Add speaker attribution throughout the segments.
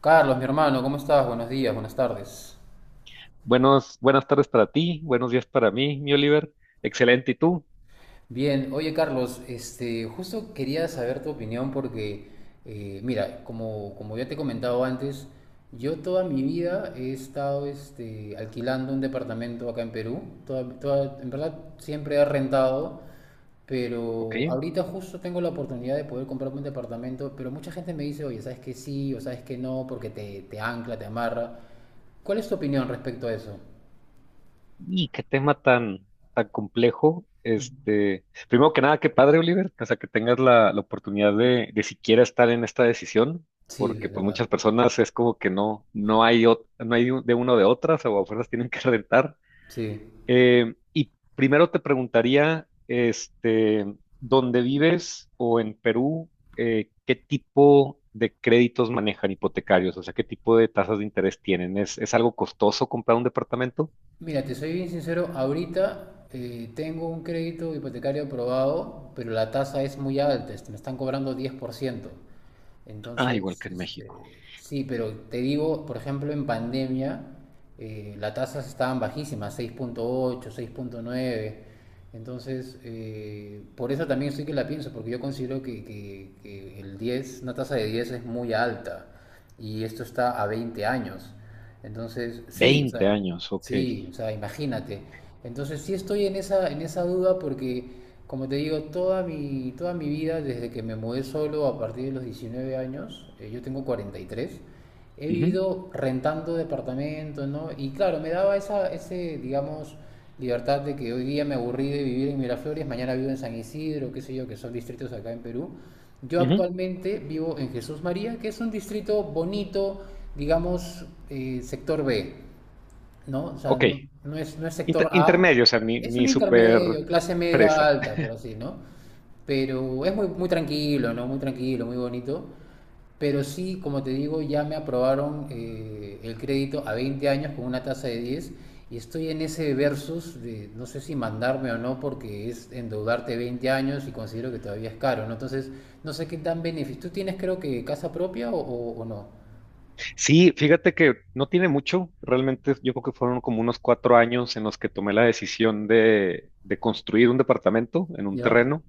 Speaker 1: Carlos, mi hermano, ¿cómo estás? Buenos días, buenas tardes.
Speaker 2: Buenos, buenas tardes para ti, buenos días para mí, mi Oliver. Excelente, ¿y tú?
Speaker 1: Bien, oye Carlos, justo quería saber tu opinión porque, mira, como ya te he comentado antes, yo toda mi vida he estado alquilando un departamento acá en Perú. En verdad siempre he rentado,
Speaker 2: Ok.
Speaker 1: pero ahorita justo tengo la oportunidad de poder comprarme un departamento. Pero mucha gente me dice, oye, ¿sabes que sí o sabes que no? Porque te ancla, te amarra. ¿Cuál es tu opinión respecto a eso?
Speaker 2: Y qué tema tan, tan complejo. Primero que nada, qué padre, Oliver, o sea, que tengas la oportunidad de siquiera estar en esta decisión,
Speaker 1: Sí, es
Speaker 2: porque pues
Speaker 1: verdad.
Speaker 2: muchas personas es como que no, no hay, no hay de uno de otras, o a fuerzas tienen que rentar.
Speaker 1: Sí.
Speaker 2: Y primero te preguntaría, ¿dónde vives o en Perú, qué tipo de créditos manejan hipotecarios? O sea, ¿qué tipo de tasas de interés tienen? Es algo costoso comprar un departamento?
Speaker 1: Mira, te soy bien sincero, ahorita tengo un crédito hipotecario aprobado, pero la tasa es muy alta. Me están cobrando 10%.
Speaker 2: Ah, igual
Speaker 1: Entonces,
Speaker 2: que en México.
Speaker 1: sí, pero te digo, por ejemplo, en pandemia, las tasas estaban bajísimas, seis punto ocho, 6,9. Entonces, por eso también sí que la pienso, porque yo considero que el 10, una tasa de 10 es muy alta, y esto está a 20 años. Entonces, sí, o
Speaker 2: 20
Speaker 1: sea.
Speaker 2: años, ok.
Speaker 1: Sí, o sea, imagínate. Entonces sí estoy en esa duda porque, como te digo, toda mi vida, desde que me mudé solo a partir de los 19 años, yo tengo 43, he
Speaker 2: Ujú,
Speaker 1: vivido rentando departamentos, ¿no? Y claro, me daba esa, ese, digamos, libertad de que hoy día me aburrí de vivir en Miraflores, mañana vivo en San Isidro, qué sé yo, que son distritos acá en Perú. Yo
Speaker 2: ujú.
Speaker 1: actualmente vivo en Jesús María, que es un distrito bonito, digamos, sector B. ¿No? O sea, no,
Speaker 2: Ok.
Speaker 1: no es sector A,
Speaker 2: Intermedio, o sea, ni,
Speaker 1: es un
Speaker 2: ni súper
Speaker 1: intermedio, clase media
Speaker 2: presa.
Speaker 1: alta, por así, ¿no? Pero es muy, muy tranquilo, ¿no? Muy tranquilo, muy bonito. Pero sí, como te digo, ya me aprobaron el crédito a 20 años con una tasa de 10, y estoy en ese versus de no sé si mandarme o no, porque es endeudarte 20 años y considero que todavía es caro, ¿no? Entonces, no sé qué tan beneficio. ¿Tú tienes, creo que, casa propia o no?
Speaker 2: Sí, fíjate que no tiene mucho, realmente yo creo que fueron como unos cuatro años en los que tomé la decisión de construir un departamento en un
Speaker 1: ¿Ya?
Speaker 2: terreno.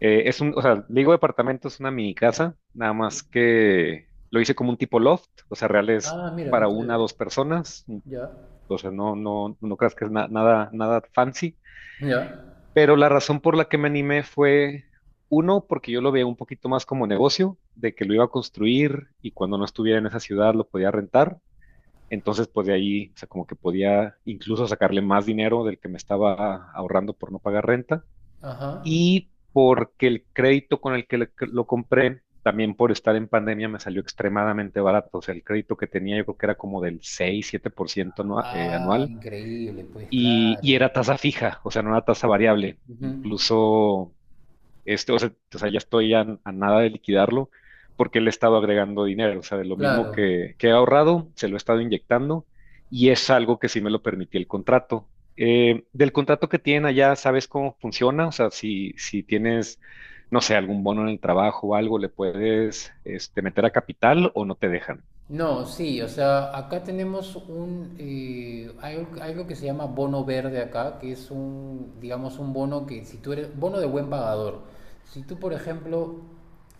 Speaker 2: Es un, o sea, le digo departamento, es una mini casa, nada más que lo hice como un tipo loft, o sea, real es
Speaker 1: Ah, mira, qué
Speaker 2: para una o
Speaker 1: chévere.
Speaker 2: dos personas, mm,
Speaker 1: ¿Ya?
Speaker 2: o sea, no, no, no creas que es nada, nada fancy,
Speaker 1: ¿Ya?
Speaker 2: pero la razón por la que me animé fue, uno, porque yo lo veía un poquito más como negocio, de que lo iba a construir y cuando no estuviera en esa ciudad lo podía rentar. Entonces, pues de ahí, o sea, como que podía incluso sacarle más dinero del que me estaba ahorrando por no pagar renta
Speaker 1: Ajá.
Speaker 2: y porque el crédito con el que que lo compré, también por estar en pandemia, me salió extremadamente barato. O sea, el crédito que tenía yo creo que era como del 6, 7%
Speaker 1: Ah,
Speaker 2: anual
Speaker 1: increíble, pues
Speaker 2: y
Speaker 1: claro.
Speaker 2: era tasa fija, o sea, no era tasa variable.
Speaker 1: Ujú.
Speaker 2: Incluso o sea, ya estoy a nada de liquidarlo porque le he estado agregando dinero, o sea, de lo mismo
Speaker 1: Claro.
Speaker 2: que he ahorrado, se lo he estado inyectando y es algo que sí me lo permitió el contrato. Del contrato que tienen allá, ¿sabes cómo funciona? O sea, si, si tienes, no sé, algún bono en el trabajo o algo, ¿le puedes meter a capital o no te dejan?
Speaker 1: No, sí, o sea, acá tenemos hay algo que se llama bono verde acá, que es un, digamos, un bono que si tú eres, bono de buen pagador. Si tú, por ejemplo,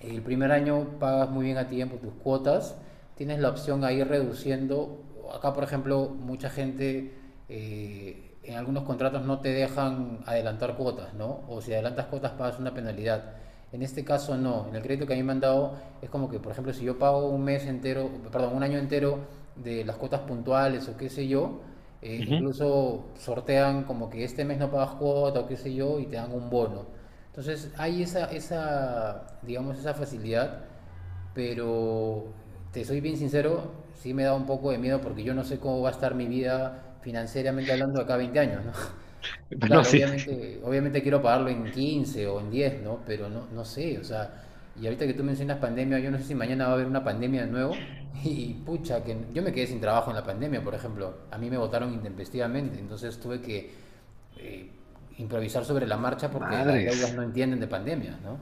Speaker 1: el primer año pagas muy bien a tiempo tus cuotas, tienes la opción a ir reduciendo. Acá, por ejemplo, mucha gente, en algunos contratos no te dejan adelantar cuotas, ¿no? O si adelantas cuotas pagas una penalidad. En este caso no, en el crédito que a mí me han dado es como que, por ejemplo, si yo pago un mes entero, perdón, un año entero de las cuotas puntuales o qué sé yo,
Speaker 2: Ujú.
Speaker 1: incluso sortean como que este mes no pagas cuota o qué sé yo y te dan un bono. Entonces hay esa, digamos, esa facilidad, pero te soy bien sincero, sí me da un poco de miedo porque yo no sé cómo va a estar mi vida financieramente hablando acá 20 años, ¿no?
Speaker 2: Bueno,
Speaker 1: Claro,
Speaker 2: sí.
Speaker 1: obviamente, obviamente quiero pagarlo en 15 o en 10, ¿no? Pero no, no sé, o sea, y ahorita que tú mencionas pandemia, yo no sé si mañana va a haber una pandemia de nuevo y pucha, que yo me quedé sin trabajo en la pandemia, por ejemplo, a mí me votaron intempestivamente, entonces tuve que eh, improvisar sobre la marcha porque las deudas
Speaker 2: Madres.
Speaker 1: no entienden de pandemia, ¿no?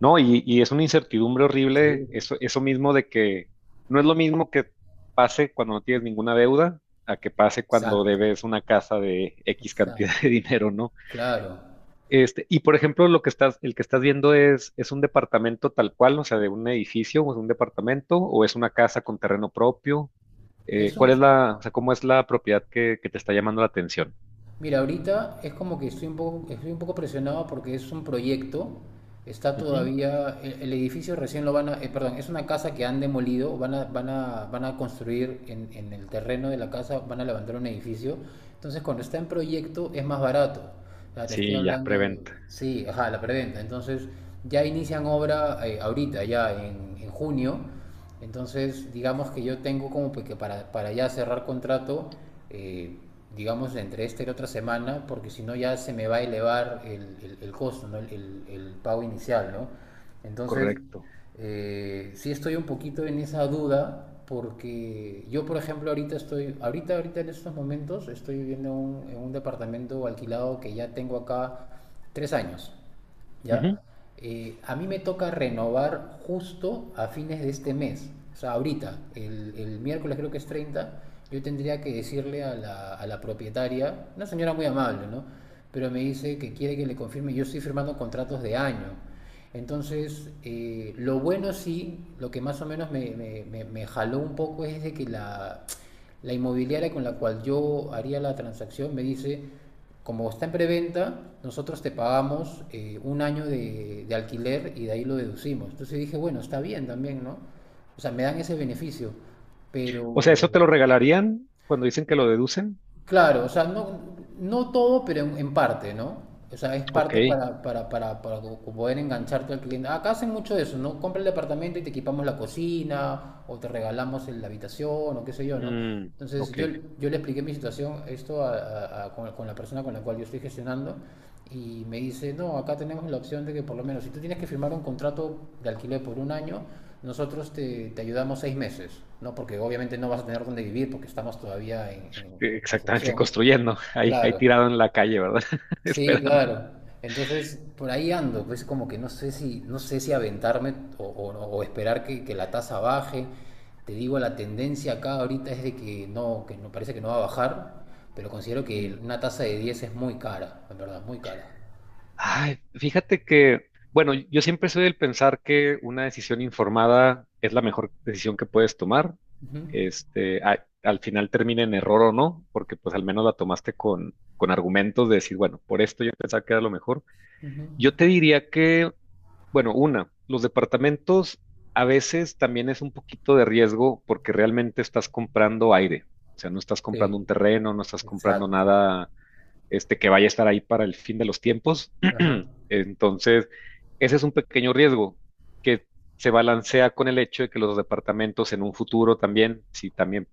Speaker 2: No, y es una incertidumbre
Speaker 1: Sí,
Speaker 2: horrible, eso mismo de que no es lo mismo que pase cuando no tienes ninguna deuda a que pase cuando
Speaker 1: exacto,
Speaker 2: debes una casa de X cantidad
Speaker 1: exacto,
Speaker 2: de dinero, ¿no?
Speaker 1: claro.
Speaker 2: Y por ejemplo, lo que estás, el que estás viendo es un departamento tal cual, o sea, de un edificio o es un departamento o es una casa con terreno propio.
Speaker 1: Es
Speaker 2: ¿Cuál es la, o sea, cómo es la propiedad que te está llamando la atención?
Speaker 1: mira, ahorita es como que estoy un poco presionado porque es un proyecto, está
Speaker 2: Ujú.
Speaker 1: todavía, el edificio recién lo van a, perdón, es una casa que han demolido, van a construir en el terreno de la casa, van a levantar un edificio. Entonces cuando está en proyecto es más barato, o sea, te estoy
Speaker 2: Sí, ya,
Speaker 1: hablando,
Speaker 2: preventa,
Speaker 1: sí, ajá, la preventa. Entonces ya inician obra ahorita, ya en junio. Entonces, digamos que yo tengo como pues que para ya cerrar contrato, eh, digamos, entre esta y la otra semana, porque si no ya se me va a elevar el costo, ¿no? El pago inicial, ¿no? Entonces,
Speaker 2: correcto.
Speaker 1: sí estoy un poquito en esa duda, porque yo, por ejemplo, ahorita en estos momentos estoy viviendo en un departamento alquilado que ya tengo acá 3 años.
Speaker 2: Ujú.
Speaker 1: ¿Ya? A mí me toca renovar justo a fines de este mes. O sea, ahorita, el miércoles creo que es 30. Yo tendría que decirle a a la propietaria, una señora muy amable, ¿no? Pero me dice que quiere que le confirme, yo estoy firmando contratos de año. Entonces, lo bueno sí, lo que más o menos me jaló un poco es de que la inmobiliaria con la cual yo haría la transacción me dice, como está en preventa, nosotros te pagamos un año de alquiler y de ahí lo deducimos. Entonces dije, bueno, está bien también, ¿no? O sea, me dan ese beneficio,
Speaker 2: O sea,
Speaker 1: pero...
Speaker 2: ¿eso te lo regalarían cuando dicen que lo deducen?
Speaker 1: Claro, o sea, no todo, pero en parte, ¿no? O sea, es
Speaker 2: Ok,
Speaker 1: parte poder engancharte al cliente. Acá hacen mucho de eso, ¿no? Compra el departamento y te equipamos la cocina, o te regalamos la habitación, o qué sé yo, ¿no?
Speaker 2: mm,
Speaker 1: Entonces,
Speaker 2: ok.
Speaker 1: yo le expliqué mi situación, esto con la persona con la cual yo estoy gestionando, y me dice, no, acá tenemos la opción de que por lo menos si tú tienes que firmar un contrato de alquiler por un año, nosotros te ayudamos 6 meses, ¿no? Porque obviamente no vas a tener dónde vivir porque estamos todavía en
Speaker 2: Exactamente,
Speaker 1: construcción.
Speaker 2: construyendo, ahí, ahí
Speaker 1: Claro,
Speaker 2: tirado en la calle, ¿verdad?
Speaker 1: sí,
Speaker 2: Esperando.
Speaker 1: claro. Entonces, por ahí ando, pues como que no sé si aventarme, o esperar que la tasa baje. Te digo, la tendencia acá ahorita es de que no parece que no va a bajar, pero considero que
Speaker 2: Mm.
Speaker 1: una tasa de 10 es muy cara, en verdad, muy cara.
Speaker 2: Ay, fíjate que, bueno, yo siempre soy del pensar que una decisión informada es la mejor decisión que puedes tomar.
Speaker 1: Ujú.
Speaker 2: Este, al final termina en error o no, porque pues al menos la tomaste con argumentos de decir, bueno, por esto yo pensaba que era lo mejor.
Speaker 1: Ujú.
Speaker 2: Yo te diría que, bueno, una, los departamentos a veces también es un poquito de riesgo porque realmente estás comprando aire. O sea, no estás comprando
Speaker 1: Sí,
Speaker 2: un terreno, no estás comprando
Speaker 1: exacto.
Speaker 2: nada que vaya a estar ahí para el fin de los tiempos.
Speaker 1: Ajá.
Speaker 2: Entonces, ese es un pequeño riesgo que se balancea con el hecho de que los departamentos en un futuro también, si también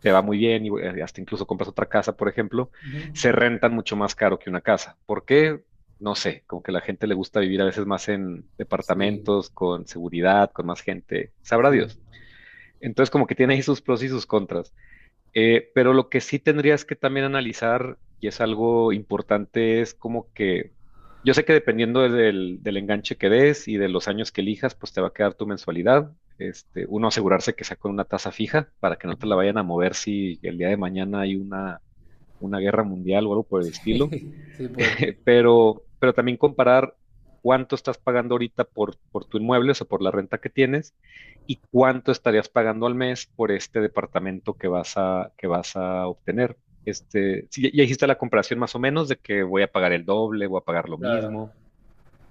Speaker 2: te va muy bien y hasta incluso compras otra casa, por ejemplo,
Speaker 1: Ujú.
Speaker 2: se rentan mucho más caro que una casa. ¿Por qué? No sé, como que la gente le gusta vivir a veces más en
Speaker 1: Sí,
Speaker 2: departamentos, con seguridad, con más gente, sabrá
Speaker 1: sí.
Speaker 2: Dios. Entonces, como que tiene ahí sus pros y sus contras. Pero lo que sí tendrías que también analizar, y es algo importante, es como que yo sé que dependiendo del, del enganche que des y de los años que elijas, pues te va a quedar tu mensualidad. Este, uno asegurarse que sea con una tasa fija para que no te la vayan a mover si el día de mañana hay una guerra mundial o algo por el estilo.
Speaker 1: Sí, pues,
Speaker 2: Pero también comparar cuánto estás pagando ahorita por tu inmueble, o sea, por la renta que tienes, y cuánto estarías pagando al mes por este departamento que vas a obtener. Este, sí, ya, ya hiciste la comparación más o menos de que voy a pagar el doble, voy a pagar lo
Speaker 1: claro.
Speaker 2: mismo.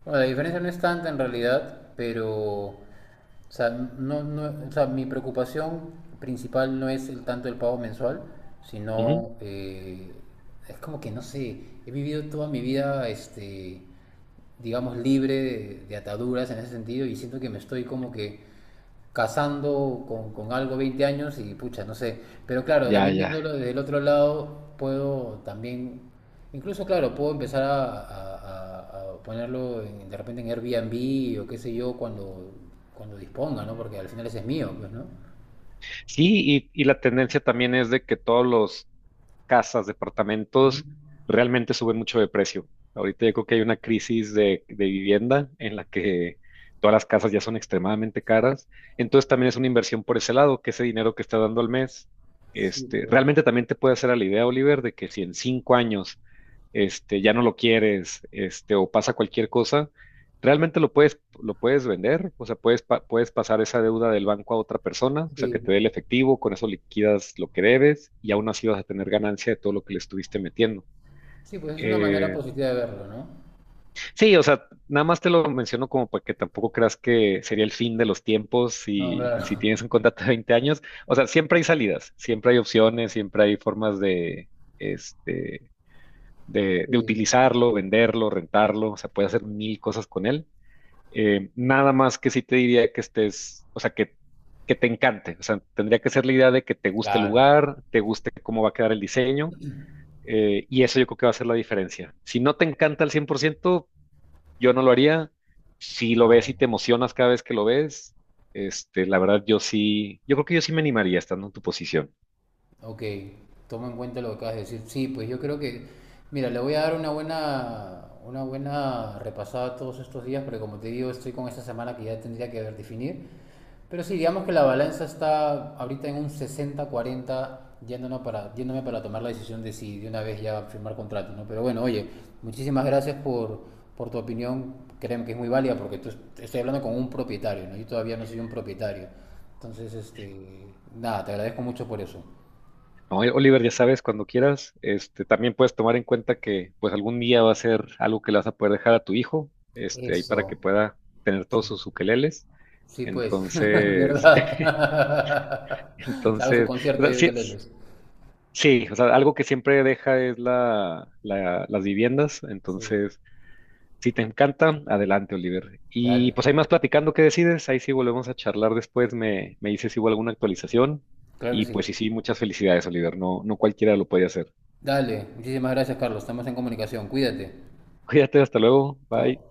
Speaker 1: Bueno, la diferencia no es tanta en realidad, pero, o sea, no, no, o sea, mi preocupación principal no es el tanto el pago mensual,
Speaker 2: Ujú.
Speaker 1: sino es como que no sé, he vivido toda mi vida, digamos, libre de ataduras en ese sentido, y siento que me estoy como que casando con algo 20 años y pucha, no sé. Pero claro,
Speaker 2: Ya,
Speaker 1: también
Speaker 2: ya.
Speaker 1: viéndolo desde el otro lado, puedo también, incluso claro, puedo empezar a ponerlo de repente en Airbnb o qué sé yo, cuando disponga, ¿no? Porque al final ese es mío, pues, ¿no?
Speaker 2: Sí, y la tendencia también es de que todos los, casas,
Speaker 1: Ujú.
Speaker 2: departamentos, realmente suben mucho de precio. Ahorita yo creo que hay una crisis de vivienda en la que todas las casas ya son extremadamente caras. Entonces también es una inversión por ese lado, que ese dinero que está dando al mes,
Speaker 1: Sí, pues,
Speaker 2: realmente también te puede hacer a la idea, Oliver, de que si en cinco años, ya no lo quieres, o pasa cualquier cosa, realmente lo puedes vender, o sea, puedes, puedes pasar esa deuda del banco a otra persona, o sea, que te dé
Speaker 1: sí.
Speaker 2: el efectivo, con eso liquidas lo que debes y aún así vas a tener ganancia de todo lo que le estuviste metiendo.
Speaker 1: Sí, pues es una manera
Speaker 2: Eh,
Speaker 1: positiva de verlo, ¿no?
Speaker 2: sí, o sea, nada más te lo menciono como para que tampoco creas que sería el fin de los tiempos
Speaker 1: No,
Speaker 2: si,
Speaker 1: claro.
Speaker 2: si tienes un contrato de 20 años. O sea, siempre hay salidas, siempre hay opciones, siempre hay formas de, este, de
Speaker 1: Sí.
Speaker 2: utilizarlo, venderlo, rentarlo, o sea, puedes hacer mil cosas con él. Nada más que sí te diría que estés, o sea, que te encante. O sea, tendría que ser la idea de que te guste el
Speaker 1: Claro.
Speaker 2: lugar, te guste cómo va a quedar el diseño, y eso yo creo que va a ser la diferencia. Si no te encanta al 100%, yo no lo haría. Si lo
Speaker 1: Ah,
Speaker 2: ves y te
Speaker 1: bueno.
Speaker 2: emocionas cada vez que lo ves, la verdad yo sí, yo creo que yo sí me animaría estando en tu posición.
Speaker 1: Ok, tomo en cuenta lo que acabas de decir. Sí, pues yo creo que, mira, le voy a dar una buena repasada todos estos días, porque como te digo, estoy con esta semana que ya tendría que definir. Pero sí, digamos que la balanza está ahorita en un 60/40, yéndome para tomar la decisión de si de una vez ya firmar contrato, ¿no? Pero bueno, oye, muchísimas gracias por tu opinión, créeme que es muy válida, porque tú, estoy hablando con un propietario, ¿no? Yo todavía no soy un propietario. Entonces, nada, te agradezco mucho por eso.
Speaker 2: No, Oliver, ya sabes, cuando quieras, también puedes tomar en cuenta que pues algún día va a ser algo que le vas a poder dejar a tu hijo, ahí para
Speaker 1: Eso,
Speaker 2: que pueda tener todos
Speaker 1: sí,
Speaker 2: sus ukeleles.
Speaker 1: sí pues.
Speaker 2: Entonces,
Speaker 1: ¿Verdad? Se Hago su
Speaker 2: entonces, o
Speaker 1: concierto ahí
Speaker 2: sea,
Speaker 1: de
Speaker 2: sí,
Speaker 1: Caletes.
Speaker 2: sí, o sea, algo que siempre deja es la, las viviendas.
Speaker 1: Sí,
Speaker 2: Entonces, si te encanta, adelante, Oliver. Y
Speaker 1: dale,
Speaker 2: pues ahí más platicando, ¿qué decides? Ahí sí volvemos a charlar después. Me dices si hubo alguna actualización.
Speaker 1: claro que
Speaker 2: Y
Speaker 1: sí.
Speaker 2: pues sí, sí, muchas felicidades, Oliver. No, no cualquiera lo puede hacer.
Speaker 1: Dale, muchísimas gracias, Carlos. Estamos en comunicación. Cuídate.
Speaker 2: Cuídate, hasta luego.
Speaker 1: Chao.
Speaker 2: Bye.